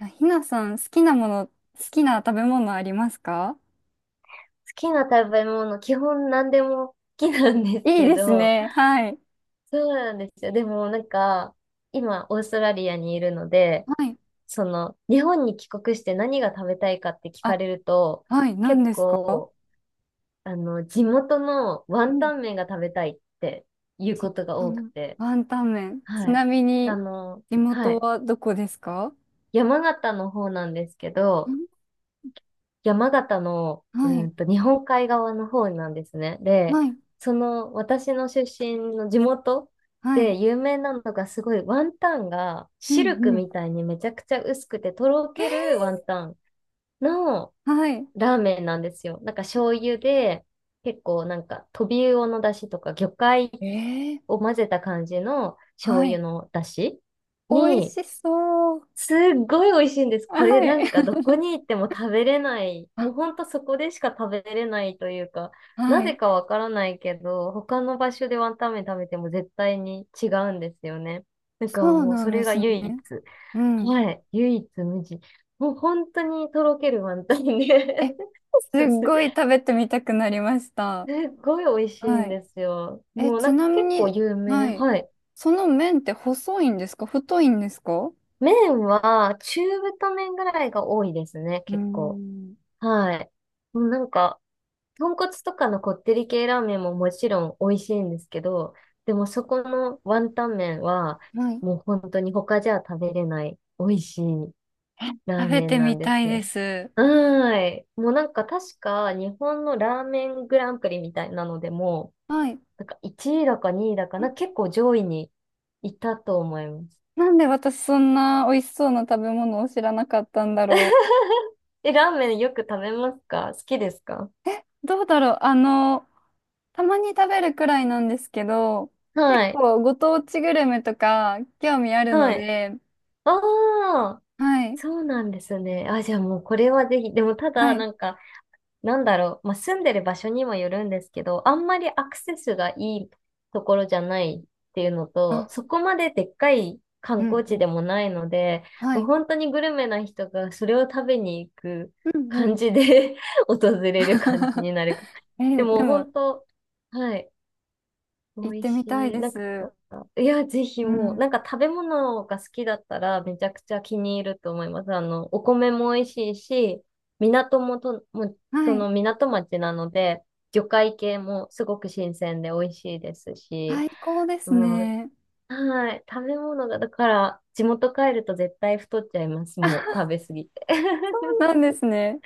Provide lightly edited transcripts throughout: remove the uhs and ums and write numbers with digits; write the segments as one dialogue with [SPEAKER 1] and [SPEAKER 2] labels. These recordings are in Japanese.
[SPEAKER 1] あひなさん、好きなもの、好きな食べ物ありますか？
[SPEAKER 2] きな食べ物、基本何でも好きなんです
[SPEAKER 1] いい
[SPEAKER 2] け
[SPEAKER 1] です
[SPEAKER 2] ど、
[SPEAKER 1] ね。はい。
[SPEAKER 2] そうなんですよ。でもなんか、今、オーストラリアにいるので、
[SPEAKER 1] はい。
[SPEAKER 2] 日本に帰国して何が食べたいかって聞か
[SPEAKER 1] あ、
[SPEAKER 2] れると、
[SPEAKER 1] はい、何
[SPEAKER 2] 結
[SPEAKER 1] ですか？
[SPEAKER 2] 構、地元のワ
[SPEAKER 1] う
[SPEAKER 2] ンタ
[SPEAKER 1] ん。
[SPEAKER 2] ン麺が食べたいっていうことが
[SPEAKER 1] あ
[SPEAKER 2] 多く
[SPEAKER 1] の、
[SPEAKER 2] て、
[SPEAKER 1] ワンタン麺。ち
[SPEAKER 2] はい。
[SPEAKER 1] なみに、地
[SPEAKER 2] は
[SPEAKER 1] 元
[SPEAKER 2] い。
[SPEAKER 1] はどこですか？
[SPEAKER 2] 山形の方なんですけ
[SPEAKER 1] ん
[SPEAKER 2] ど、山形の、
[SPEAKER 1] はい、
[SPEAKER 2] 日本海側の方なんですね。で、
[SPEAKER 1] はい、
[SPEAKER 2] 私の出身の地元
[SPEAKER 1] は
[SPEAKER 2] で
[SPEAKER 1] い。
[SPEAKER 2] 有名なのがすごいワンタンが
[SPEAKER 1] う
[SPEAKER 2] シ
[SPEAKER 1] ん、
[SPEAKER 2] ルク
[SPEAKER 1] うん。
[SPEAKER 2] みたいにめちゃくちゃ薄くてとろけるワンタンの
[SPEAKER 1] はい。
[SPEAKER 2] ラーメンなんですよ。なんか醤油で結構なんかトビウオの出汁とか魚介
[SPEAKER 1] えー、
[SPEAKER 2] を混ぜた感じの醤
[SPEAKER 1] は
[SPEAKER 2] 油
[SPEAKER 1] い。
[SPEAKER 2] の出汁
[SPEAKER 1] 美味
[SPEAKER 2] に
[SPEAKER 1] しそう。
[SPEAKER 2] すっごい美味しいんです。これ
[SPEAKER 1] は
[SPEAKER 2] な
[SPEAKER 1] い。
[SPEAKER 2] んかどこに行っても食べれない。
[SPEAKER 1] あ、
[SPEAKER 2] もうほんとそこでしか食べれないというか、な
[SPEAKER 1] は
[SPEAKER 2] ぜ
[SPEAKER 1] い。
[SPEAKER 2] かわからないけど、他の場所でワンタン麺食べても絶対に違うんですよね。だから
[SPEAKER 1] そう
[SPEAKER 2] もう
[SPEAKER 1] な
[SPEAKER 2] そ
[SPEAKER 1] んで
[SPEAKER 2] れが
[SPEAKER 1] す
[SPEAKER 2] 唯一。
[SPEAKER 1] ね。うん。
[SPEAKER 2] はい。唯一無二。もう本当にとろけるワンタンで
[SPEAKER 1] え、す っ
[SPEAKER 2] す
[SPEAKER 1] ごい食べてみたくなりました。
[SPEAKER 2] すごい美味しい
[SPEAKER 1] は
[SPEAKER 2] ん
[SPEAKER 1] い。
[SPEAKER 2] ですよ。
[SPEAKER 1] え、
[SPEAKER 2] もうな
[SPEAKER 1] ち
[SPEAKER 2] んか
[SPEAKER 1] なみ
[SPEAKER 2] 結構
[SPEAKER 1] に、
[SPEAKER 2] 有名。
[SPEAKER 1] はい。
[SPEAKER 2] はい。
[SPEAKER 1] その麺って細いんですか？太いんですか？う
[SPEAKER 2] 麺は中太麺ぐらいが多いですね、
[SPEAKER 1] ー
[SPEAKER 2] 結構。
[SPEAKER 1] ん。
[SPEAKER 2] はい。もうなんか、豚骨とかのこってり系ラーメンももちろん美味しいんですけど、でもそこのワンタン麺は、
[SPEAKER 1] はい。
[SPEAKER 2] もう本当に他じゃ食べれない美味しいラー
[SPEAKER 1] 食べ
[SPEAKER 2] メン
[SPEAKER 1] て
[SPEAKER 2] な
[SPEAKER 1] み
[SPEAKER 2] んで
[SPEAKER 1] た
[SPEAKER 2] す
[SPEAKER 1] いで
[SPEAKER 2] よ。
[SPEAKER 1] す。
[SPEAKER 2] はーい。もうなんか確か日本のラーメングランプリみたいなのでも、
[SPEAKER 1] はい。
[SPEAKER 2] なんか1位だか2位だか
[SPEAKER 1] あ、
[SPEAKER 2] な、結構上位にいたと思います。
[SPEAKER 1] なんで私そんな美味しそうな食べ物を知らなかったんだろう。
[SPEAKER 2] え、ラーメンよく食べますか？好きですか？
[SPEAKER 1] どうだろう。たまに食べるくらいなんですけど、結
[SPEAKER 2] はい。
[SPEAKER 1] 構ご当地グルメとか興味あるの
[SPEAKER 2] はい。
[SPEAKER 1] で、
[SPEAKER 2] ああ。
[SPEAKER 1] はい。
[SPEAKER 2] そうなんですね。あ、じゃあもうこれはぜひ、でもただ、
[SPEAKER 1] はい。
[SPEAKER 2] なんか、なんだろう、まあ、住んでる場所にもよるんですけど、あんまりアクセスがいいところじゃないっていうのと、
[SPEAKER 1] あ、
[SPEAKER 2] そこまででっかい観
[SPEAKER 1] う
[SPEAKER 2] 光
[SPEAKER 1] ん
[SPEAKER 2] 地
[SPEAKER 1] う
[SPEAKER 2] で
[SPEAKER 1] ん。
[SPEAKER 2] もないので、
[SPEAKER 1] は
[SPEAKER 2] もう
[SPEAKER 1] い。
[SPEAKER 2] 本当にグルメな人がそれを食べに行く
[SPEAKER 1] うんう
[SPEAKER 2] 感
[SPEAKER 1] ん。
[SPEAKER 2] じで 訪れる感じ になるかも。で
[SPEAKER 1] え、で
[SPEAKER 2] も
[SPEAKER 1] も、
[SPEAKER 2] 本当、はい。美
[SPEAKER 1] 行っ
[SPEAKER 2] 味
[SPEAKER 1] てみたい
[SPEAKER 2] しい。
[SPEAKER 1] で
[SPEAKER 2] なんか、
[SPEAKER 1] す。
[SPEAKER 2] いや、ぜひ
[SPEAKER 1] う
[SPEAKER 2] もう、
[SPEAKER 1] ん。
[SPEAKER 2] なんか食べ物が好きだったらめちゃくちゃ気に入ると思います。お米も美味しいし、港もと、もう、そ
[SPEAKER 1] はい。
[SPEAKER 2] の港町なので、魚介系もすごく新鮮で美味しいですし、
[SPEAKER 1] 最高で
[SPEAKER 2] う
[SPEAKER 1] す
[SPEAKER 2] ん、
[SPEAKER 1] ね。
[SPEAKER 2] はい、食べ物が、だから、地元帰ると絶対太っちゃいます。もう、食べ過ぎて。
[SPEAKER 1] そうなん ですね。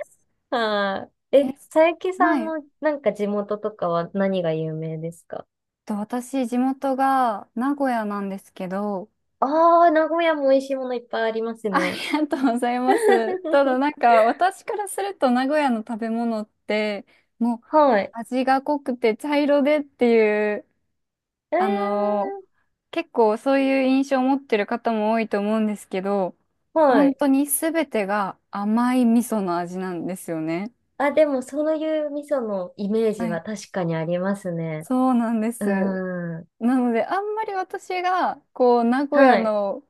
[SPEAKER 2] はい。え、
[SPEAKER 1] え、
[SPEAKER 2] 佐伯さ
[SPEAKER 1] はい。
[SPEAKER 2] んのなんか地元とかは何が有名ですか？
[SPEAKER 1] 私、地元が名古屋なんですけど、
[SPEAKER 2] ああ、名古屋も美味しいものいっぱいあります
[SPEAKER 1] あ
[SPEAKER 2] ね。
[SPEAKER 1] りがとうございます。ただ なんか私からすると名古屋の食べ物ってもう
[SPEAKER 2] はい。
[SPEAKER 1] 味が濃くて茶色でっていう
[SPEAKER 2] え
[SPEAKER 1] あのー
[SPEAKER 2] ー、
[SPEAKER 1] 結構そういう印象を持ってる方も多いと思うんですけど、
[SPEAKER 2] は
[SPEAKER 1] 本
[SPEAKER 2] い。
[SPEAKER 1] 当に全てが甘い味噌の味なんですよね。
[SPEAKER 2] あ、でも、そういう味噌のイメー
[SPEAKER 1] は
[SPEAKER 2] ジは
[SPEAKER 1] い。
[SPEAKER 2] 確かにありますね。
[SPEAKER 1] そうなんで
[SPEAKER 2] う
[SPEAKER 1] す。
[SPEAKER 2] ーん。
[SPEAKER 1] なので、あんまり私が、こう、名古屋
[SPEAKER 2] はい。
[SPEAKER 1] の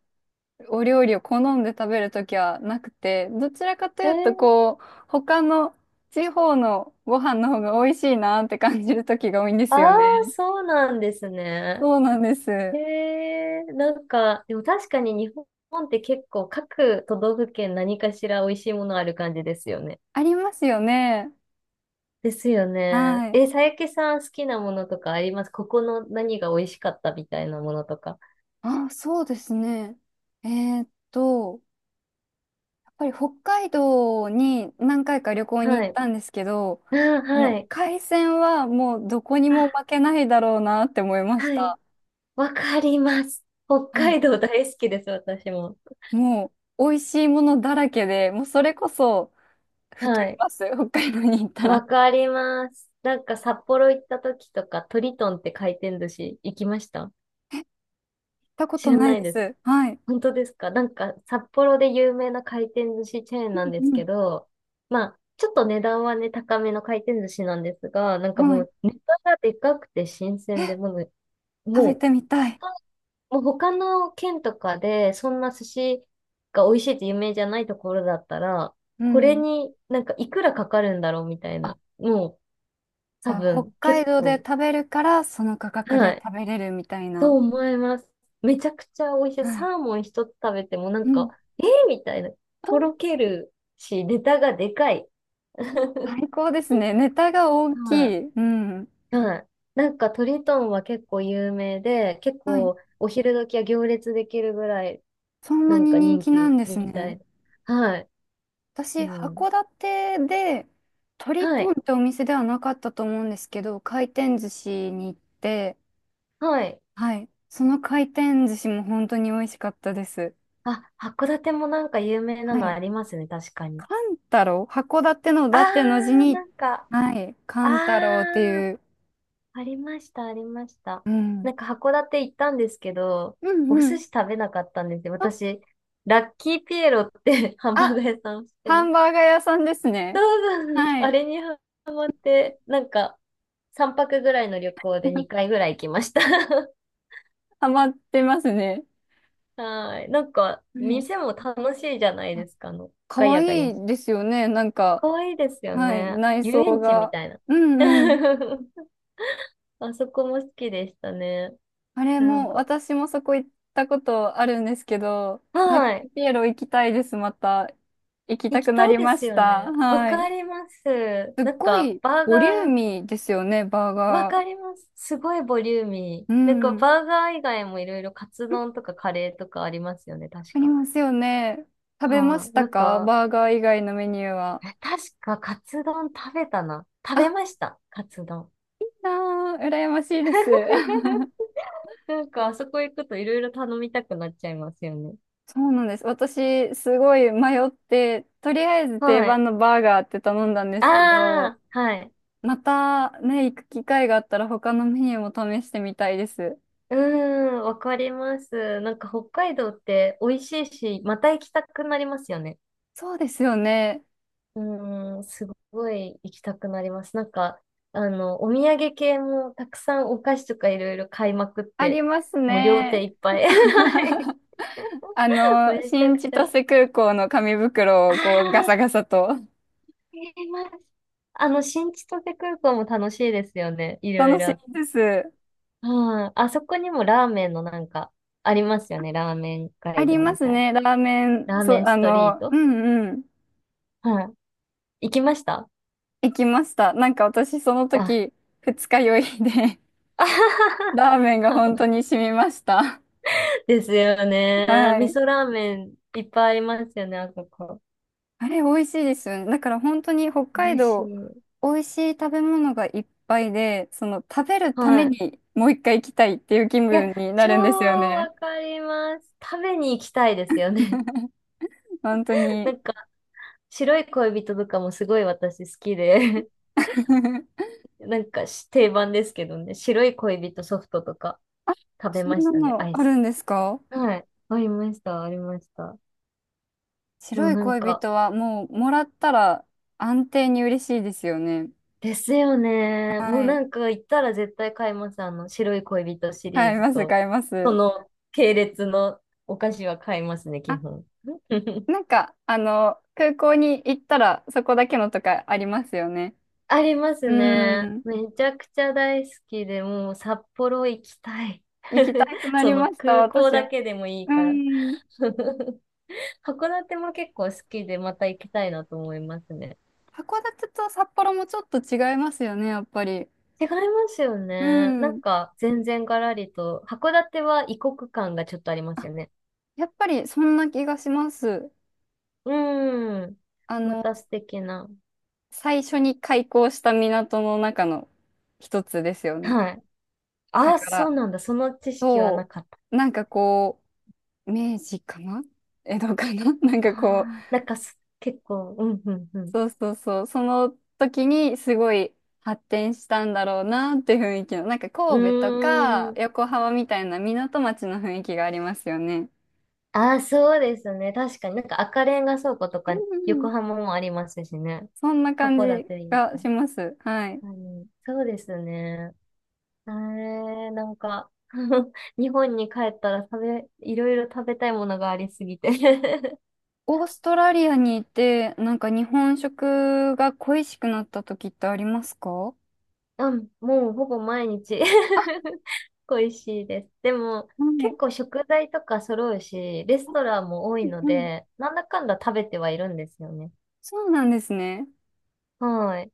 [SPEAKER 1] お料理を好んで食べるときはなくて、どちらかと
[SPEAKER 2] え
[SPEAKER 1] いうと、
[SPEAKER 2] ー、
[SPEAKER 1] こう、他の地方のご飯の方が美味しいなって感じるときが多いんで
[SPEAKER 2] あ
[SPEAKER 1] すよ
[SPEAKER 2] あ、
[SPEAKER 1] ね。
[SPEAKER 2] そうなんですね。
[SPEAKER 1] そうなんです。
[SPEAKER 2] なんか、でも確かに日本って結構各都道府県何かしら美味しいものある感じですよね。
[SPEAKER 1] ありますよね。
[SPEAKER 2] ですよね。
[SPEAKER 1] はい。
[SPEAKER 2] え、佐伯さん好きなものとかありますここの何が美味しかったみたいなものとか。
[SPEAKER 1] あ、そうですね。えーっと、やっぱり北海道に何回か旅行に
[SPEAKER 2] は
[SPEAKER 1] 行っ
[SPEAKER 2] い。
[SPEAKER 1] たんですけど、
[SPEAKER 2] あ、
[SPEAKER 1] あ
[SPEAKER 2] は
[SPEAKER 1] の、
[SPEAKER 2] い。
[SPEAKER 1] 海鮮はもうどこにも
[SPEAKER 2] あ、
[SPEAKER 1] 負けないだろうなって思いまし
[SPEAKER 2] はい。
[SPEAKER 1] た。
[SPEAKER 2] わかります。北
[SPEAKER 1] はい、
[SPEAKER 2] 海道大好きです、私も。
[SPEAKER 1] もう美味しいものだらけで、もうそれこそ太
[SPEAKER 2] は
[SPEAKER 1] り
[SPEAKER 2] い。
[SPEAKER 1] ます。北海道に行ったら。行
[SPEAKER 2] わ
[SPEAKER 1] っ
[SPEAKER 2] かります。なんか札幌行った時とか、トリトンって回転寿司行きました？
[SPEAKER 1] たこ
[SPEAKER 2] 知
[SPEAKER 1] と
[SPEAKER 2] ら
[SPEAKER 1] ない
[SPEAKER 2] ない
[SPEAKER 1] で
[SPEAKER 2] です。
[SPEAKER 1] す。はい。
[SPEAKER 2] 本当ですか？なんか札幌で有名な回転寿司チェーンなん
[SPEAKER 1] う
[SPEAKER 2] ですけ
[SPEAKER 1] ん。
[SPEAKER 2] ど、まあ、ちょっと値段はね、高めの回転寿司なんですが、なんかも
[SPEAKER 1] はい。
[SPEAKER 2] うネタがでかくて新
[SPEAKER 1] え、
[SPEAKER 2] 鮮で、
[SPEAKER 1] 食
[SPEAKER 2] も
[SPEAKER 1] べ
[SPEAKER 2] う
[SPEAKER 1] てみたい。
[SPEAKER 2] もう他の県とかで、そんな寿司が美味しいって有名じゃないところだったら、
[SPEAKER 1] う
[SPEAKER 2] これ
[SPEAKER 1] ん。
[SPEAKER 2] になんかいくらかかるんだろうみたい
[SPEAKER 1] あ、
[SPEAKER 2] な。もう
[SPEAKER 1] じ
[SPEAKER 2] 多
[SPEAKER 1] ゃあ北
[SPEAKER 2] 分
[SPEAKER 1] 海
[SPEAKER 2] 結
[SPEAKER 1] 道で
[SPEAKER 2] 構、
[SPEAKER 1] 食べるからその価格
[SPEAKER 2] は
[SPEAKER 1] で
[SPEAKER 2] い、
[SPEAKER 1] 食べれるみたい
[SPEAKER 2] と
[SPEAKER 1] な。
[SPEAKER 2] 思います。めちゃくちゃ美味しい。
[SPEAKER 1] はい。
[SPEAKER 2] サーモン一つ食べてもな
[SPEAKER 1] う
[SPEAKER 2] んか、
[SPEAKER 1] ん。
[SPEAKER 2] えー、みたいな。とろ
[SPEAKER 1] あ、
[SPEAKER 2] けるし、ネタがでかい。は
[SPEAKER 1] 最高ですね。ネタが大きい。うん。
[SPEAKER 2] い。はい。なんかトリトンは結構有名で、結
[SPEAKER 1] はい。
[SPEAKER 2] 構お昼時は行列できるぐらい
[SPEAKER 1] そん
[SPEAKER 2] な
[SPEAKER 1] な
[SPEAKER 2] ん
[SPEAKER 1] に
[SPEAKER 2] か
[SPEAKER 1] 人
[SPEAKER 2] 人
[SPEAKER 1] 気な
[SPEAKER 2] 気
[SPEAKER 1] んです
[SPEAKER 2] みた
[SPEAKER 1] ね。
[SPEAKER 2] い。はい。う
[SPEAKER 1] 私、
[SPEAKER 2] ん。
[SPEAKER 1] 函館で、トリ
[SPEAKER 2] は
[SPEAKER 1] トンっ
[SPEAKER 2] い。
[SPEAKER 1] てお店ではなかったと思うんですけど、回転寿司に行って、
[SPEAKER 2] はい。
[SPEAKER 1] はい。その回転寿司も本当に美味しかったです。
[SPEAKER 2] あ、函館もなんか有名な
[SPEAKER 1] は
[SPEAKER 2] の
[SPEAKER 1] い。
[SPEAKER 2] ありますね、確かに。
[SPEAKER 1] カンタロウ函館の
[SPEAKER 2] あ
[SPEAKER 1] だっての字
[SPEAKER 2] ー、
[SPEAKER 1] に、
[SPEAKER 2] なんか、
[SPEAKER 1] はい。カ
[SPEAKER 2] あー、
[SPEAKER 1] ンタロウっていう、
[SPEAKER 2] ありました、ありました。
[SPEAKER 1] うん。
[SPEAKER 2] なんか函館行ったんですけど、
[SPEAKER 1] うん
[SPEAKER 2] お
[SPEAKER 1] う
[SPEAKER 2] 寿
[SPEAKER 1] ん。
[SPEAKER 2] 司食べなかったんですよ。
[SPEAKER 1] あ、
[SPEAKER 2] 私、ラッキーピエロって ハンバー
[SPEAKER 1] あ、
[SPEAKER 2] ガー屋さんをして
[SPEAKER 1] ハ
[SPEAKER 2] ま
[SPEAKER 1] ン
[SPEAKER 2] す。
[SPEAKER 1] バーガー屋さんです
[SPEAKER 2] そ
[SPEAKER 1] ね。
[SPEAKER 2] うそう、
[SPEAKER 1] は
[SPEAKER 2] あ
[SPEAKER 1] い。
[SPEAKER 2] れにハマって、なんか、3泊ぐらいの旅行で2 回ぐらい行きました。
[SPEAKER 1] ハマってますね。
[SPEAKER 2] はい。なんか、
[SPEAKER 1] はい。
[SPEAKER 2] 店も楽しいじゃない
[SPEAKER 1] あ、
[SPEAKER 2] ですか、ガ
[SPEAKER 1] 可
[SPEAKER 2] ヤガ
[SPEAKER 1] 愛
[SPEAKER 2] ヤ
[SPEAKER 1] いいですよね。なんか、
[SPEAKER 2] かわいいですよ
[SPEAKER 1] はい。
[SPEAKER 2] ね。
[SPEAKER 1] 内
[SPEAKER 2] 遊
[SPEAKER 1] 装
[SPEAKER 2] 園地み
[SPEAKER 1] が。
[SPEAKER 2] たいな。
[SPEAKER 1] うんうん。
[SPEAKER 2] あそこも好きでしたね。
[SPEAKER 1] あれ
[SPEAKER 2] なん
[SPEAKER 1] も、
[SPEAKER 2] か、
[SPEAKER 1] 私もそこ行ったことあるんですけど、ラッ
[SPEAKER 2] は
[SPEAKER 1] キ
[SPEAKER 2] い。
[SPEAKER 1] ーピエロ行きたいです、また。行き
[SPEAKER 2] 行
[SPEAKER 1] た
[SPEAKER 2] き
[SPEAKER 1] くな
[SPEAKER 2] たい
[SPEAKER 1] り
[SPEAKER 2] で
[SPEAKER 1] ま
[SPEAKER 2] す
[SPEAKER 1] し
[SPEAKER 2] よ
[SPEAKER 1] た。
[SPEAKER 2] ね。わ
[SPEAKER 1] はい。
[SPEAKER 2] かります。
[SPEAKER 1] すっ
[SPEAKER 2] なん
[SPEAKER 1] ご
[SPEAKER 2] か、
[SPEAKER 1] い
[SPEAKER 2] バーガ
[SPEAKER 1] ボリューミ
[SPEAKER 2] ー、
[SPEAKER 1] ーですよね、バー
[SPEAKER 2] わ
[SPEAKER 1] ガ
[SPEAKER 2] かり
[SPEAKER 1] ー。
[SPEAKER 2] ます。すごいボリューミ
[SPEAKER 1] う
[SPEAKER 2] ー。なん
[SPEAKER 1] ん。
[SPEAKER 2] か、
[SPEAKER 1] うん、
[SPEAKER 2] バーガー以外もいろいろカツ丼とかカレーとかありますよね、確
[SPEAKER 1] あり
[SPEAKER 2] か。
[SPEAKER 1] ますよね。食べま
[SPEAKER 2] は
[SPEAKER 1] し
[SPEAKER 2] い。
[SPEAKER 1] た
[SPEAKER 2] なん
[SPEAKER 1] か？
[SPEAKER 2] か、
[SPEAKER 1] バーガー以外のメニューは。
[SPEAKER 2] 確かカツ丼食べたな。食べ
[SPEAKER 1] あ、
[SPEAKER 2] ました、カツ丼。
[SPEAKER 1] いいなー、羨ましいです。
[SPEAKER 2] なんか、あそこ行くといろいろ頼みたくなっちゃいますよね。
[SPEAKER 1] そうなんです。私、すごい迷って、とりあえず定
[SPEAKER 2] はい。
[SPEAKER 1] 番のバーガーって頼んだんで
[SPEAKER 2] あ
[SPEAKER 1] すけど、
[SPEAKER 2] あ、はい。
[SPEAKER 1] またね、行く機会があったら他のメニューも試してみたいです。
[SPEAKER 2] うーん、わかります。なんか北海道って美味しいし、また行きたくなりますよね。
[SPEAKER 1] そうですよね。
[SPEAKER 2] うーん、すごい行きたくなります。なんか、お土産系もたくさんお菓子とかいろいろ買いまくっ
[SPEAKER 1] あり
[SPEAKER 2] て、
[SPEAKER 1] ます
[SPEAKER 2] もう両手
[SPEAKER 1] ね。
[SPEAKER 2] いっぱい。はい。
[SPEAKER 1] あ
[SPEAKER 2] め
[SPEAKER 1] の、
[SPEAKER 2] ちゃ
[SPEAKER 1] 新
[SPEAKER 2] く
[SPEAKER 1] 千
[SPEAKER 2] ちゃ。あ
[SPEAKER 1] 歳空港の紙袋
[SPEAKER 2] あ、
[SPEAKER 1] をこうガ
[SPEAKER 2] あ
[SPEAKER 1] サガサと
[SPEAKER 2] ります。新千歳空港も楽しいですよね。いろ
[SPEAKER 1] 楽
[SPEAKER 2] い
[SPEAKER 1] し
[SPEAKER 2] ろあっ
[SPEAKER 1] みです。
[SPEAKER 2] ああ、あそこにもラーメンのなんか、ありますよね。ラーメン
[SPEAKER 1] あ
[SPEAKER 2] 街
[SPEAKER 1] り
[SPEAKER 2] 道
[SPEAKER 1] ま
[SPEAKER 2] み
[SPEAKER 1] す
[SPEAKER 2] たい
[SPEAKER 1] ね、ラーメ
[SPEAKER 2] な。
[SPEAKER 1] ン、
[SPEAKER 2] ラー
[SPEAKER 1] そ
[SPEAKER 2] メ
[SPEAKER 1] う、
[SPEAKER 2] ン
[SPEAKER 1] あ
[SPEAKER 2] ストリー
[SPEAKER 1] の、う
[SPEAKER 2] ト
[SPEAKER 1] んうん、
[SPEAKER 2] はい 行きました？
[SPEAKER 1] 行きました。なんか私その
[SPEAKER 2] あ、
[SPEAKER 1] 時、二日酔いで
[SPEAKER 2] あ は
[SPEAKER 1] ラーメンが
[SPEAKER 2] は
[SPEAKER 1] 本
[SPEAKER 2] は
[SPEAKER 1] 当に染みました。
[SPEAKER 2] ですよね。
[SPEAKER 1] は
[SPEAKER 2] 味
[SPEAKER 1] い。
[SPEAKER 2] 噌ラーメンいっぱいありますよね、あそこ。
[SPEAKER 1] あれ、美味しいですよね。だから本当に北海
[SPEAKER 2] 美味し
[SPEAKER 1] 道、
[SPEAKER 2] い。
[SPEAKER 1] 美味しい食べ物がいっぱいで、その食べるため
[SPEAKER 2] はい。
[SPEAKER 1] にもう一回行きたいっていう気
[SPEAKER 2] いや、
[SPEAKER 1] 分にな
[SPEAKER 2] 超
[SPEAKER 1] るんですよね。
[SPEAKER 2] わかります。食べに行きたいですよね。
[SPEAKER 1] 本当
[SPEAKER 2] な
[SPEAKER 1] に。
[SPEAKER 2] んか、白い恋人とかもすごい私好きで、なんかし定番ですけどね、白い恋人ソフトとか
[SPEAKER 1] あ、
[SPEAKER 2] 食べ
[SPEAKER 1] そ
[SPEAKER 2] ま
[SPEAKER 1] ん
[SPEAKER 2] し
[SPEAKER 1] な
[SPEAKER 2] たね、
[SPEAKER 1] の
[SPEAKER 2] アイ
[SPEAKER 1] ある
[SPEAKER 2] ス。
[SPEAKER 1] んですか？
[SPEAKER 2] はい。ありました、ありました。も
[SPEAKER 1] 白
[SPEAKER 2] う
[SPEAKER 1] い
[SPEAKER 2] なん
[SPEAKER 1] 恋
[SPEAKER 2] か、
[SPEAKER 1] 人はもうもらったら安定に嬉しいですよね。
[SPEAKER 2] ですよね。もう
[SPEAKER 1] はい。
[SPEAKER 2] なんか行ったら絶対買います。あの、白い恋人シリ
[SPEAKER 1] 買
[SPEAKER 2] ー
[SPEAKER 1] い
[SPEAKER 2] ズ
[SPEAKER 1] ます、
[SPEAKER 2] と、
[SPEAKER 1] 買いま
[SPEAKER 2] そ
[SPEAKER 1] す。
[SPEAKER 2] の系列のお菓子は買いますね、基
[SPEAKER 1] あ、
[SPEAKER 2] 本。
[SPEAKER 1] なんか、あの、空港に行ったらそこだけのとかありますよね。
[SPEAKER 2] あります
[SPEAKER 1] う
[SPEAKER 2] ね。
[SPEAKER 1] ん。
[SPEAKER 2] めちゃくちゃ大好きで、もう札幌行きたい。
[SPEAKER 1] 行きた くな
[SPEAKER 2] そ
[SPEAKER 1] りま
[SPEAKER 2] の
[SPEAKER 1] した、
[SPEAKER 2] 空港
[SPEAKER 1] 私
[SPEAKER 2] だ
[SPEAKER 1] も。
[SPEAKER 2] けでもいい
[SPEAKER 1] う
[SPEAKER 2] から。
[SPEAKER 1] ん。
[SPEAKER 2] 函館も結構好きで、また行きたいなと思いますね。
[SPEAKER 1] 函館と札幌もちょっと違いますよね、やっぱり。
[SPEAKER 2] 違いますよ
[SPEAKER 1] う
[SPEAKER 2] ね。なん
[SPEAKER 1] ん。
[SPEAKER 2] か、全然ガラリと、函館は異国感がちょっとあります
[SPEAKER 1] あ、
[SPEAKER 2] よね。
[SPEAKER 1] やっぱりそんな気がします。
[SPEAKER 2] うーん。
[SPEAKER 1] あ
[SPEAKER 2] ま
[SPEAKER 1] の、
[SPEAKER 2] た素敵な。
[SPEAKER 1] 最初に開港した港の中の一つですよね。
[SPEAKER 2] はい。あ
[SPEAKER 1] だ
[SPEAKER 2] あ、
[SPEAKER 1] か
[SPEAKER 2] そ
[SPEAKER 1] ら、
[SPEAKER 2] うなんだ。その知識はな
[SPEAKER 1] そ
[SPEAKER 2] かった。
[SPEAKER 1] う、なんかこう、明治かな、江戸かな、 なん
[SPEAKER 2] あ
[SPEAKER 1] かこう、
[SPEAKER 2] あ、なんか結構、うん、うん、うん。
[SPEAKER 1] そうそうそう、その時にすごい発展したんだろうなって雰囲気の、なんか神戸
[SPEAKER 2] う
[SPEAKER 1] と
[SPEAKER 2] ー
[SPEAKER 1] か
[SPEAKER 2] ん。
[SPEAKER 1] 横浜みたいな港町の雰囲気がありますよね。
[SPEAKER 2] ああ、そうですね。確かになんか赤レンガ倉庫と
[SPEAKER 1] う
[SPEAKER 2] か、
[SPEAKER 1] んうん、
[SPEAKER 2] 横浜もありますしね。
[SPEAKER 1] そんな感
[SPEAKER 2] 函
[SPEAKER 1] じ
[SPEAKER 2] 館に。
[SPEAKER 1] がします。はい。
[SPEAKER 2] うん、そうですね。なんか、日本に帰ったらいろいろ食べたいものがありすぎて
[SPEAKER 1] オーストラリアにいて、なんか日本食が恋しくなった時ってありますか？は
[SPEAKER 2] うん、もうほぼ毎日 恋しいです。でも、
[SPEAKER 1] い。う
[SPEAKER 2] 結
[SPEAKER 1] ん
[SPEAKER 2] 構食材とか揃うし、レストランも多いの
[SPEAKER 1] うん。
[SPEAKER 2] で、なんだかんだ食べてはいるんですよね。
[SPEAKER 1] そうなんですね。
[SPEAKER 2] はい。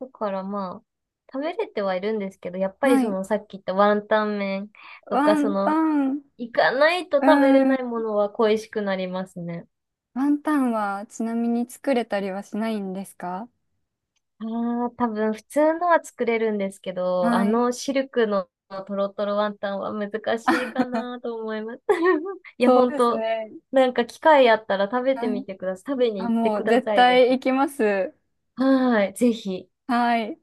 [SPEAKER 2] だからまあ、食べれてはいるんですけど、やっぱり
[SPEAKER 1] は
[SPEAKER 2] そ
[SPEAKER 1] い。
[SPEAKER 2] のさっき言ったワンタン麺とか、
[SPEAKER 1] ワンタン、う
[SPEAKER 2] 行かないと
[SPEAKER 1] ー
[SPEAKER 2] 食べれな
[SPEAKER 1] ん。
[SPEAKER 2] いものは恋しくなりますね。
[SPEAKER 1] ワンタンはちなみに作れたりはしないんですか？
[SPEAKER 2] ああ、多分普通のは作れるんですけど、
[SPEAKER 1] は
[SPEAKER 2] あ
[SPEAKER 1] い。
[SPEAKER 2] のシルクのトロトロワンタンは難しいか なと思います。いや、
[SPEAKER 1] そう
[SPEAKER 2] 本
[SPEAKER 1] です
[SPEAKER 2] 当
[SPEAKER 1] ね。
[SPEAKER 2] なんか機会あったら食べ
[SPEAKER 1] は
[SPEAKER 2] てみ
[SPEAKER 1] い。
[SPEAKER 2] てください。食べに
[SPEAKER 1] あ、
[SPEAKER 2] 行って
[SPEAKER 1] も
[SPEAKER 2] く
[SPEAKER 1] う
[SPEAKER 2] だ
[SPEAKER 1] 絶
[SPEAKER 2] さい、ぜ
[SPEAKER 1] 対
[SPEAKER 2] ひ。
[SPEAKER 1] 行きます。
[SPEAKER 2] はーい、ぜひ。
[SPEAKER 1] はい。